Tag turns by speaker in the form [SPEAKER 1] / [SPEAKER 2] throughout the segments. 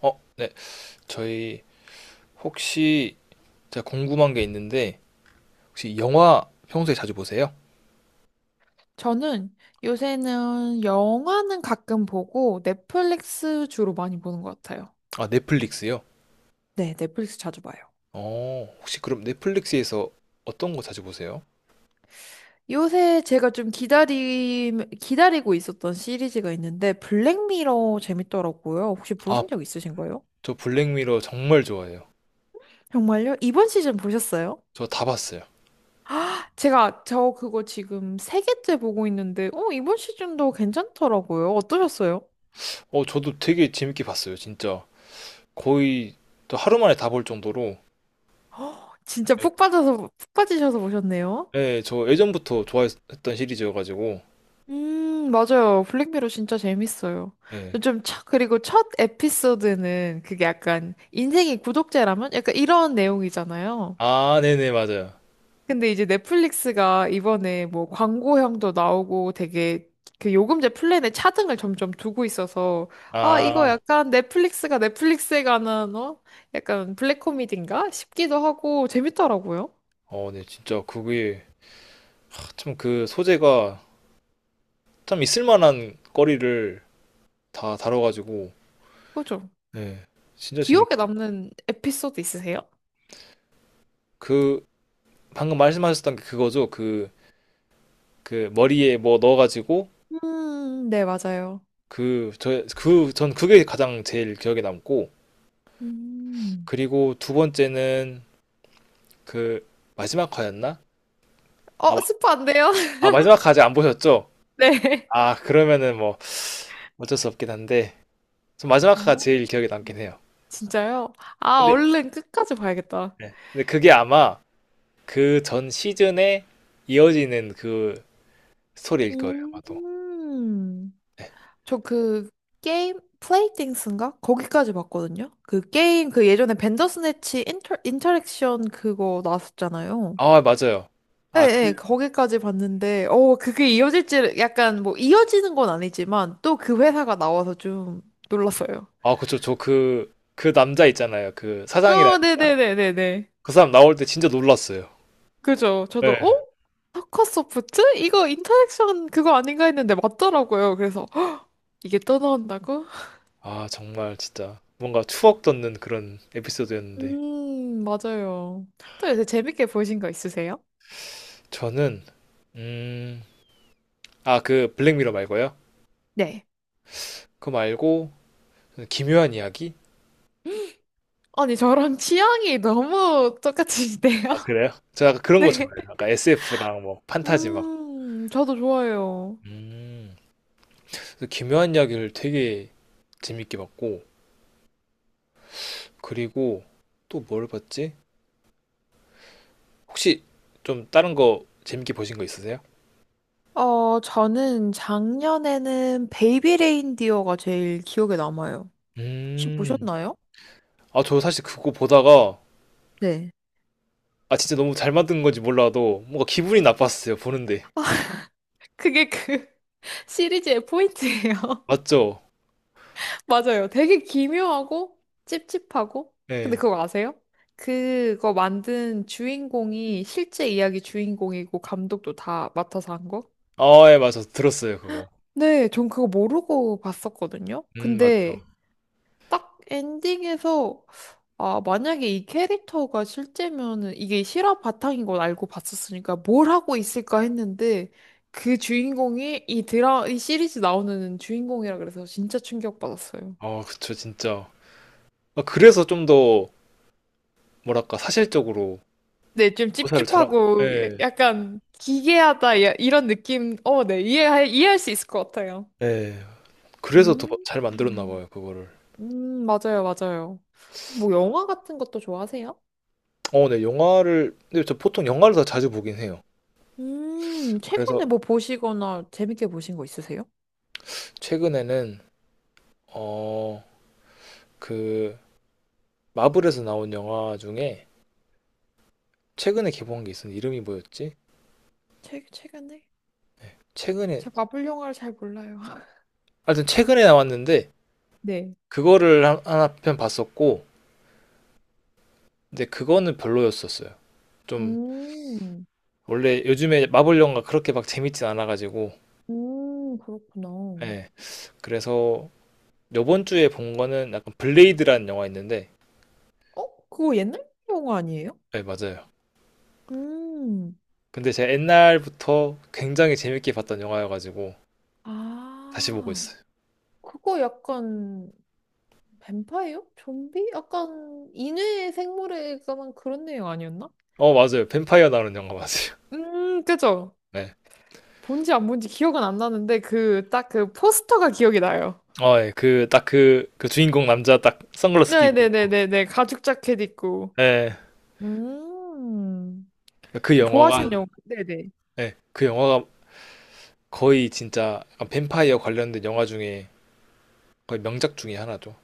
[SPEAKER 1] 어, 네. 저희 혹시 제가 궁금한 게 있는데 혹시 영화 평소에 자주 보세요?
[SPEAKER 2] 저는 요새는 영화는 가끔 보고 넷플릭스 주로 많이 보는 것 같아요.
[SPEAKER 1] 아, 넷플릭스요?
[SPEAKER 2] 네, 넷플릭스 자주 봐요.
[SPEAKER 1] 어, 혹시 그럼 넷플릭스에서 어떤 거 자주 보세요?
[SPEAKER 2] 요새 제가 좀 기다리고 있었던 시리즈가 있는데 블랙미러 재밌더라고요. 혹시
[SPEAKER 1] 아,
[SPEAKER 2] 보신 적 있으신가요?
[SPEAKER 1] 저 블랙미러 정말 좋아해요.
[SPEAKER 2] 정말요? 이번 시즌 보셨어요?
[SPEAKER 1] 저 다 봤어요.
[SPEAKER 2] 제가 저 그거 지금 세 개째 보고 있는데, 이번 시즌도 괜찮더라고요. 어떠셨어요?
[SPEAKER 1] 어, 저도 되게 재밌게 봤어요, 진짜. 거의 저 하루 만에 다 볼 정도로.
[SPEAKER 2] 진짜
[SPEAKER 1] 네,
[SPEAKER 2] 푹 빠지셔서 보셨네요.
[SPEAKER 1] 네, 저 예전부터 좋아했던 시리즈여가지고.
[SPEAKER 2] 맞아요. 블랙미러 진짜 재밌어요.
[SPEAKER 1] 네.
[SPEAKER 2] 첫 에피소드는 그게 약간 인생이 구독제라면 약간 이런 내용이잖아요.
[SPEAKER 1] 아, 네네, 맞아요.
[SPEAKER 2] 근데 이제 넷플릭스가 이번에 뭐 광고형도 나오고 되게 그 요금제 플랜에 차등을 점점 두고 있어서 아, 이거
[SPEAKER 1] 아,
[SPEAKER 2] 약간 넷플릭스가 넷플릭스에 관한 어? 약간 블랙 코미디인가 싶기도 하고 재밌더라고요.
[SPEAKER 1] 어, 네, 진짜 그게 참 그 소재가 참 있을만한 거리를 다 다뤄가지고.
[SPEAKER 2] 그죠?
[SPEAKER 1] 네, 진짜 재밌.
[SPEAKER 2] 기억에 남는 에피소드 있으세요?
[SPEAKER 1] 그 방금 말씀하셨던 게 그거죠. 그 머리에 뭐 넣어가지고
[SPEAKER 2] 네, 맞아요.
[SPEAKER 1] 그 저 그 전 그게 가장 제일 기억에 남고,
[SPEAKER 2] 음.
[SPEAKER 1] 그리고 두 번째는 그 마지막 화였나? 아,
[SPEAKER 2] 어,
[SPEAKER 1] 마-
[SPEAKER 2] 스포 안 돼요?
[SPEAKER 1] 아 마지막 화 아직 안 보셨죠?
[SPEAKER 2] 네.
[SPEAKER 1] 아 그러면은 뭐 어쩔 수 없긴 한데 전 마지막 화가
[SPEAKER 2] 어,
[SPEAKER 1] 제일 기억에 남긴 해요.
[SPEAKER 2] 진짜요? 아,
[SPEAKER 1] 근데
[SPEAKER 2] 얼른 끝까지 봐야겠다.
[SPEAKER 1] 네. 근데 그게 아마 그 전 시즌에 이어지는 그 스토리일 거예요 아마도.
[SPEAKER 2] 음,
[SPEAKER 1] 네.
[SPEAKER 2] 저 그 게임 플레이띵스인가? 거기까지 봤거든요. 그 게임 그 예전에 벤더스네치 인터랙션 그거 나왔었잖아요.
[SPEAKER 1] 아, 맞아요.
[SPEAKER 2] 네,
[SPEAKER 1] 아, 그,
[SPEAKER 2] 네, 거기까지 봤는데, 그게 이어질지 약간 뭐 이어지는 건 아니지만 또 그 회사가 나와서 좀 놀랐어요.
[SPEAKER 1] 아, 그쵸. 저 그, 그 남자 있잖아요. 그 사장이랑
[SPEAKER 2] 어, 네네네네네.
[SPEAKER 1] 그 사람 나올 때 진짜 놀랐어요.
[SPEAKER 2] 그죠? 저도
[SPEAKER 1] 네.
[SPEAKER 2] 어? 타카 소프트? 이거 인터랙션 그거 아닌가 했는데 맞더라고요. 그래서 헉, 이게 또 나온다고?
[SPEAKER 1] 아, 정말 진짜 뭔가 추억 돋는 그런 에피소드였는데.
[SPEAKER 2] 맞아요. 또 요새 재밌게 보신 거 있으세요?
[SPEAKER 1] 저는, 음, 아, 그 블랙미러 말고요.
[SPEAKER 2] 네.
[SPEAKER 1] 그거 말고, 기묘한 이야기?
[SPEAKER 2] 아니, 저랑 취향이 너무 똑같으시네요.
[SPEAKER 1] 아, 그래요? 제가 약간 그런 거
[SPEAKER 2] 네.
[SPEAKER 1] 좋아해요. 약간 SF랑 뭐 판타지 막.
[SPEAKER 2] 저도 좋아요.
[SPEAKER 1] 음, 그래서 기묘한 이야기를 되게 재밌게 봤고, 그리고 또 뭘 봤지? 혹시 좀 다른 거 재밌게 보신 거 있으세요?
[SPEAKER 2] 어, 저는 작년에는 베이비 레인디어가 제일 기억에 남아요. 혹시
[SPEAKER 1] 음.
[SPEAKER 2] 보셨나요?
[SPEAKER 1] 아, 저 사실 그거 보다가
[SPEAKER 2] 네.
[SPEAKER 1] 아 진짜 너무 잘 만든 건지 몰라도 뭔가 기분이 나빴어요 보는데.
[SPEAKER 2] 그게 그 시리즈의 포인트예요.
[SPEAKER 1] 맞죠?
[SPEAKER 2] 맞아요. 되게 기묘하고 찝찝하고. 근데
[SPEAKER 1] 예.
[SPEAKER 2] 그거 아세요? 그거 만든 주인공이 실제 이야기 주인공이고 감독도 다 맡아서 한 거?
[SPEAKER 1] 아, 예, 맞아 들었어요 그거.
[SPEAKER 2] 네, 전 그거 모르고 봤었거든요.
[SPEAKER 1] 맞죠.
[SPEAKER 2] 근데 딱 엔딩에서 아, 만약에 이 캐릭터가 실제면은 이게 실화 바탕인 걸 알고 봤었으니까 뭘 하고 있을까 했는데 그 주인공이 이 시리즈 나오는 주인공이라 그래서 진짜 충격받았어요.
[SPEAKER 1] 아, 그쵸 진짜. 아, 그래서 좀 더 뭐랄까 사실적으로
[SPEAKER 2] 네, 좀
[SPEAKER 1] 묘사를 잘한.
[SPEAKER 2] 찝찝하고
[SPEAKER 1] 예,
[SPEAKER 2] 약간 기괴하다 야- 이런 느낌. 어, 네, 이해할 수 있을 것 같아요.
[SPEAKER 1] 예. 그래서 더 막
[SPEAKER 2] 음,
[SPEAKER 1] 잘 만들었나 봐요 그거를.
[SPEAKER 2] 음, 맞아요, 맞아요. 뭐 영화 같은 것도 좋아하세요?
[SPEAKER 1] 어, 네 영화를 근데 저 보통 영화를 더 자주 보긴 해요.
[SPEAKER 2] 최근에
[SPEAKER 1] 그래서
[SPEAKER 2] 뭐 보시거나 재밌게 보신 거 있으세요?
[SPEAKER 1] 최근에는 어 그 마블에서 나온 영화 중에 최근에 개봉한 게 있었는데 이름이 뭐였지?
[SPEAKER 2] 최근에?
[SPEAKER 1] 최근에,
[SPEAKER 2] 제가 마블 영화를 잘 몰라요.
[SPEAKER 1] 하여튼 최근에 나왔는데
[SPEAKER 2] 네.
[SPEAKER 1] 그거를 한- 하나 편 봤었고 근데 그거는 별로였었어요. 좀
[SPEAKER 2] 음,
[SPEAKER 1] 원래 요즘에 마블 영화 그렇게 막 재밌진 않아가지고.
[SPEAKER 2] 그렇구나. 어,
[SPEAKER 1] 예, 그래서 요번 주에 본 거는 약간 블레이드라는 영화 있는데.
[SPEAKER 2] 그거 옛날 영화 아니에요?
[SPEAKER 1] 예 맞아요.
[SPEAKER 2] 음,
[SPEAKER 1] 근데 제가 옛날부터 굉장히 재밌게 봤던 영화여가지고 다시 보고
[SPEAKER 2] 아,
[SPEAKER 1] 있어요.
[SPEAKER 2] 그거 약간 뱀파이어? 좀비? 약간 인외 생물에 관한 그런 내용 아니었나?
[SPEAKER 1] 어 맞아요 뱀파이어 나오는 영화 맞아요.
[SPEAKER 2] 그죠? 본지 안 본지 기억은 안 나는데 그 딱 그 포스터가 기억이 나요.
[SPEAKER 1] 네어예그딱그 그딱 그, 그 주인공 남자 딱 선글라스 끼고
[SPEAKER 2] 네네네네네 가죽 자켓 입고
[SPEAKER 1] 예 그
[SPEAKER 2] 음,
[SPEAKER 1] 영화가,
[SPEAKER 2] 좋아하시는 영화. 네네.
[SPEAKER 1] 예 그 영화가 거의 진짜 약간 뱀파이어 관련된 영화 중에 거의 명작 중에 하나죠.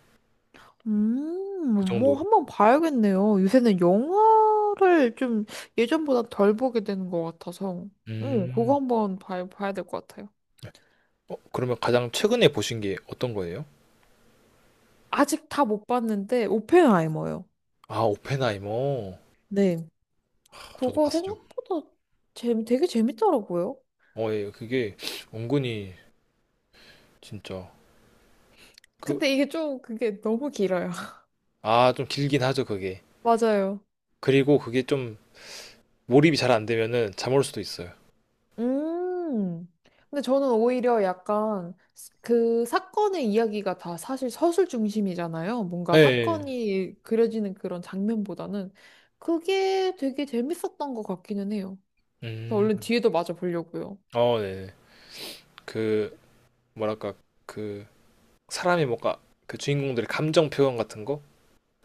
[SPEAKER 1] 그
[SPEAKER 2] 뭐
[SPEAKER 1] 정도로.
[SPEAKER 2] 한번 봐야겠네요. 요새는 영화를 좀 예전보다 덜 보게 되는 것 같아서. 응,
[SPEAKER 1] 음.
[SPEAKER 2] 봐야 될 것 같아요.
[SPEAKER 1] 어, 그러면 가장 최근에 보신 게 어떤 거예요?
[SPEAKER 2] 아직 다 못 봤는데, 오펜하이머요.
[SPEAKER 1] 아, 오펜하이머.
[SPEAKER 2] 네.
[SPEAKER 1] 아, 저도
[SPEAKER 2] 그거
[SPEAKER 1] 봤죠.
[SPEAKER 2] 생각보다 되게 재밌더라고요.
[SPEAKER 1] 어, 예, 그게 은근히 진짜 그,
[SPEAKER 2] 근데 이게 좀 그게 너무 길어요.
[SPEAKER 1] 아, 좀 길긴 하죠, 그게.
[SPEAKER 2] 맞아요.
[SPEAKER 1] 그리고 그게 좀 몰입이 잘 안 되면은 잠올 수도 있어요.
[SPEAKER 2] 음. 근데 저는 오히려 그 사건의 이야기가 다 사실 서술 중심이잖아요. 뭔가
[SPEAKER 1] 예, 예.
[SPEAKER 2] 사건이 그려지는 그런 장면보다는 그게 되게 재밌었던 것 같기는 해요.
[SPEAKER 1] 예.
[SPEAKER 2] 그래서 얼른 뒤에도 맞아 보려고요.
[SPEAKER 1] 어, 네. 그, 뭐랄까, 그, 사람이 뭔가, 그 주인공들의 감정 표현 같은 거?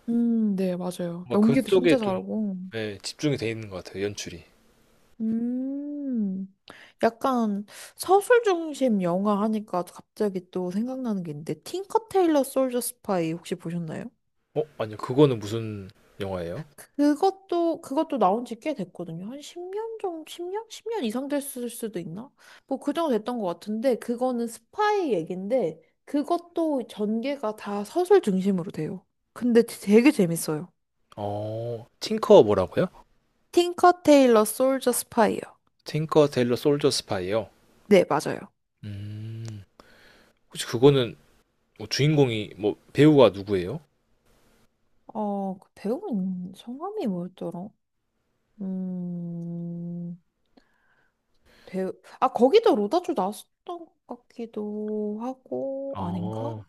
[SPEAKER 2] 네, 맞아요.
[SPEAKER 1] 뭔가
[SPEAKER 2] 연기도 진짜
[SPEAKER 1] 그쪽에 좀,
[SPEAKER 2] 잘하고.
[SPEAKER 1] 예, 집중이 돼 있는 것 같아요, 연출이.
[SPEAKER 2] 음, 약간 서술 중심 영화 하니까 갑자기 또 생각나는 게 있는데, 틴커 테일러 솔저 스파이 혹시 보셨나요?
[SPEAKER 1] 어? 아니요. 그거는 무슨 영화예요?
[SPEAKER 2] 그것도 나온 지 꽤 됐거든요. 한 10년 정도, 10년? 10년 이상 됐을 수도 있나? 뭐 그 정도 됐던 것 같은데, 그거는 스파이 얘긴데, 그것도 전개가 다 서술 중심으로 돼요. 근데 되게 재밌어요.
[SPEAKER 1] 어, 틴커 뭐라고요?
[SPEAKER 2] 틴커 테일러 솔저 스파이요.
[SPEAKER 1] 틴커 일러 솔저 스파이요.
[SPEAKER 2] 네, 맞아요.
[SPEAKER 1] 음. 혹시 그거는 뭐 주인공이 뭐 배우가 누구예요?
[SPEAKER 2] 어, 그 배우 인 성함이 뭐였더라? 음, 배우, 아, 거기도 로다주 나왔었던 것 같기도 하고, 아닌가?
[SPEAKER 1] 어.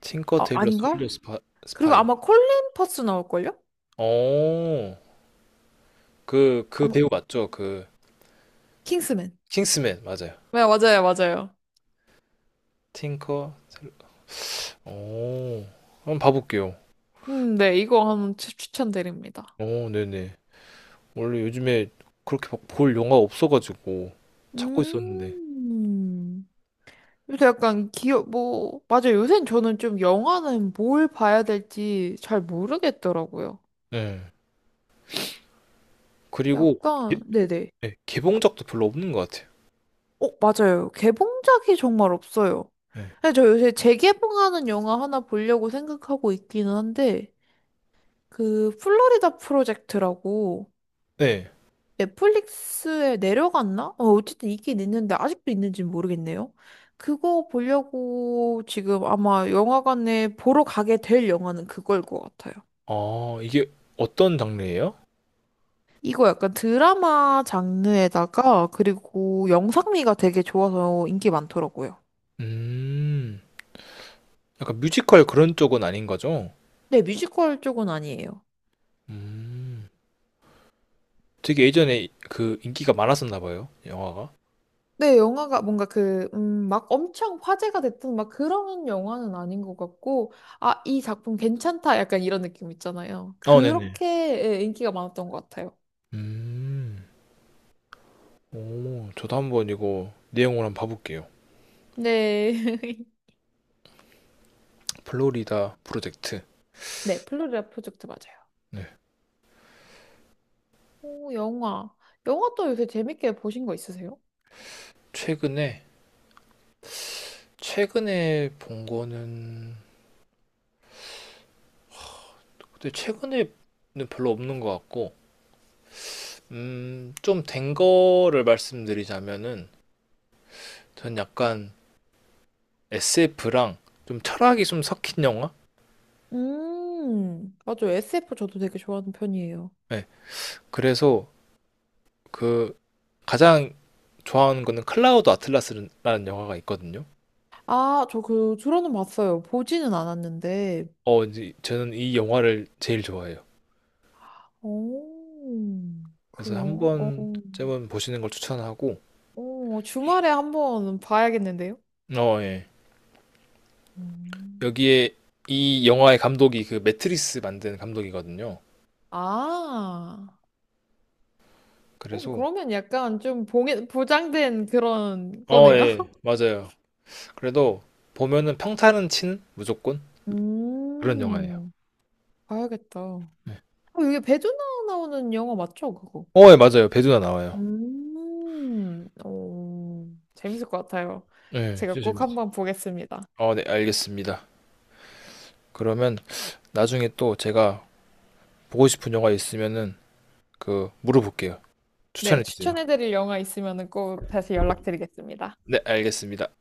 [SPEAKER 1] 틴커
[SPEAKER 2] 아,
[SPEAKER 1] 일러
[SPEAKER 2] 아닌가?
[SPEAKER 1] 솔저 스파,
[SPEAKER 2] 그리고
[SPEAKER 1] 스파이.
[SPEAKER 2] 아마 콜린 퍼스 나올걸요?
[SPEAKER 1] 어. 그
[SPEAKER 2] 아마,
[SPEAKER 1] 배우 맞죠? 그
[SPEAKER 2] 킹스맨.
[SPEAKER 1] 킹스맨 맞아요.
[SPEAKER 2] 네, 맞아요, 맞아요.
[SPEAKER 1] 틴커 델러. 어. 한번 봐 볼게요.
[SPEAKER 2] 네, 추천드립니다.
[SPEAKER 1] 어, 네네. 원래 요즘에 그렇게 막볼 영화 없어가지고 찾고 있었는데.
[SPEAKER 2] 음, 요새 약간 기억, 뭐, 맞아요. 요새는 저는 좀 영화는 뭘 봐야 될지 잘 모르겠더라고요.
[SPEAKER 1] 네. 그리고
[SPEAKER 2] 약간,
[SPEAKER 1] 예-
[SPEAKER 2] 네네.
[SPEAKER 1] 네, 개봉작도 별로 없는 것 같아요.
[SPEAKER 2] 어, 맞아요. 개봉작이 정말 없어요.
[SPEAKER 1] 네.
[SPEAKER 2] 근데 저 요새 재개봉하는 영화 하나 보려고 생각하고 있기는 한데, 그, 플로리다 프로젝트라고
[SPEAKER 1] 네.
[SPEAKER 2] 넷플릭스에 내려갔나? 어, 어쨌든 있긴 있는데, 아직도 있는지 는 모르겠네요. 그거 보려고 지금 아마 영화관에 보러 가게 될 영화는 그거일 것 같아요.
[SPEAKER 1] 아, 이게 어떤 장르예요?
[SPEAKER 2] 이거 약간 드라마 장르에다가, 그리고 영상미가 되게 좋아서 인기 많더라고요.
[SPEAKER 1] 음, 약간 뮤지컬 그런 쪽은 아닌 거죠?
[SPEAKER 2] 네, 뮤지컬 쪽은 아니에요.
[SPEAKER 1] 음, 되게 예전에 그 인기가 많았었나 봐요, 영화가.
[SPEAKER 2] 네, 영화가 뭔가 그, 막 엄청 화제가 됐던 막 그런 영화는 아닌 것 같고, 아, 이 작품 괜찮다. 약간 이런 느낌 있잖아요.
[SPEAKER 1] 아, 네네.
[SPEAKER 2] 그렇게 예, 인기가 많았던 것 같아요.
[SPEAKER 1] 음, 오, 저도 한번 이거 내용을 한번 봐볼게요.
[SPEAKER 2] 네.
[SPEAKER 1] 플로리다 프로젝트.
[SPEAKER 2] 네, 플로리다 프로젝트 맞아요.
[SPEAKER 1] 네.
[SPEAKER 2] 오, 영화. 영화 또 요새 재밌게 보신 거 있으세요?
[SPEAKER 1] 최근에, 최근에 본 거는, 근데 최근에는 별로 없는 것 같고, 좀 된 거를 말씀드리자면은, 전 약간 SF랑 좀 철학이 좀 섞인 영화?
[SPEAKER 2] 맞아요. SF 저도 되게 좋아하는 편이에요.
[SPEAKER 1] 네. 그래서 그 가장 좋아하는 거는 클라우드 아틀라스라는 영화가 있거든요.
[SPEAKER 2] 아, 저 그, 들어는 봤어요. 보지는 않았는데.
[SPEAKER 1] 어, 이제 저는 이 영화를 제일 좋아해요.
[SPEAKER 2] 오, 그
[SPEAKER 1] 그래서 한
[SPEAKER 2] 영화, 어.
[SPEAKER 1] 번쯤은 보시는 걸 추천하고,
[SPEAKER 2] 오, 주말에 한번 봐야겠는데요?
[SPEAKER 1] 어, 예.
[SPEAKER 2] 음.
[SPEAKER 1] 여기에 이 영화의 감독이 그 매트리스 만든 감독이거든요.
[SPEAKER 2] 아, 오,
[SPEAKER 1] 그래서,
[SPEAKER 2] 그러면 약간 보장된 그런
[SPEAKER 1] 어,
[SPEAKER 2] 거네요?
[SPEAKER 1] 예, 맞아요. 그래도 보면은 평타는 치는 무조건 그런 영화예요.
[SPEAKER 2] 음, 봐야겠다. 어,
[SPEAKER 1] 네.
[SPEAKER 2] 이게 배두나 나오는 영화 맞죠, 그거?
[SPEAKER 1] 어, 예, 맞아요. 배두나 나와요.
[SPEAKER 2] 오, 재밌을 것 같아요.
[SPEAKER 1] 예,
[SPEAKER 2] 제가
[SPEAKER 1] 진짜
[SPEAKER 2] 꼭
[SPEAKER 1] 재밌어요.
[SPEAKER 2] 한번 보겠습니다.
[SPEAKER 1] 어, 네, 알겠습니다. 그러면 나중에 또 제가 보고 싶은 영화 있으면은 그 물어볼게요.
[SPEAKER 2] 네,
[SPEAKER 1] 추천해 주세요.
[SPEAKER 2] 추천해드릴 영화 있으면 꼭 다시 연락드리겠습니다.
[SPEAKER 1] 네, 알겠습니다.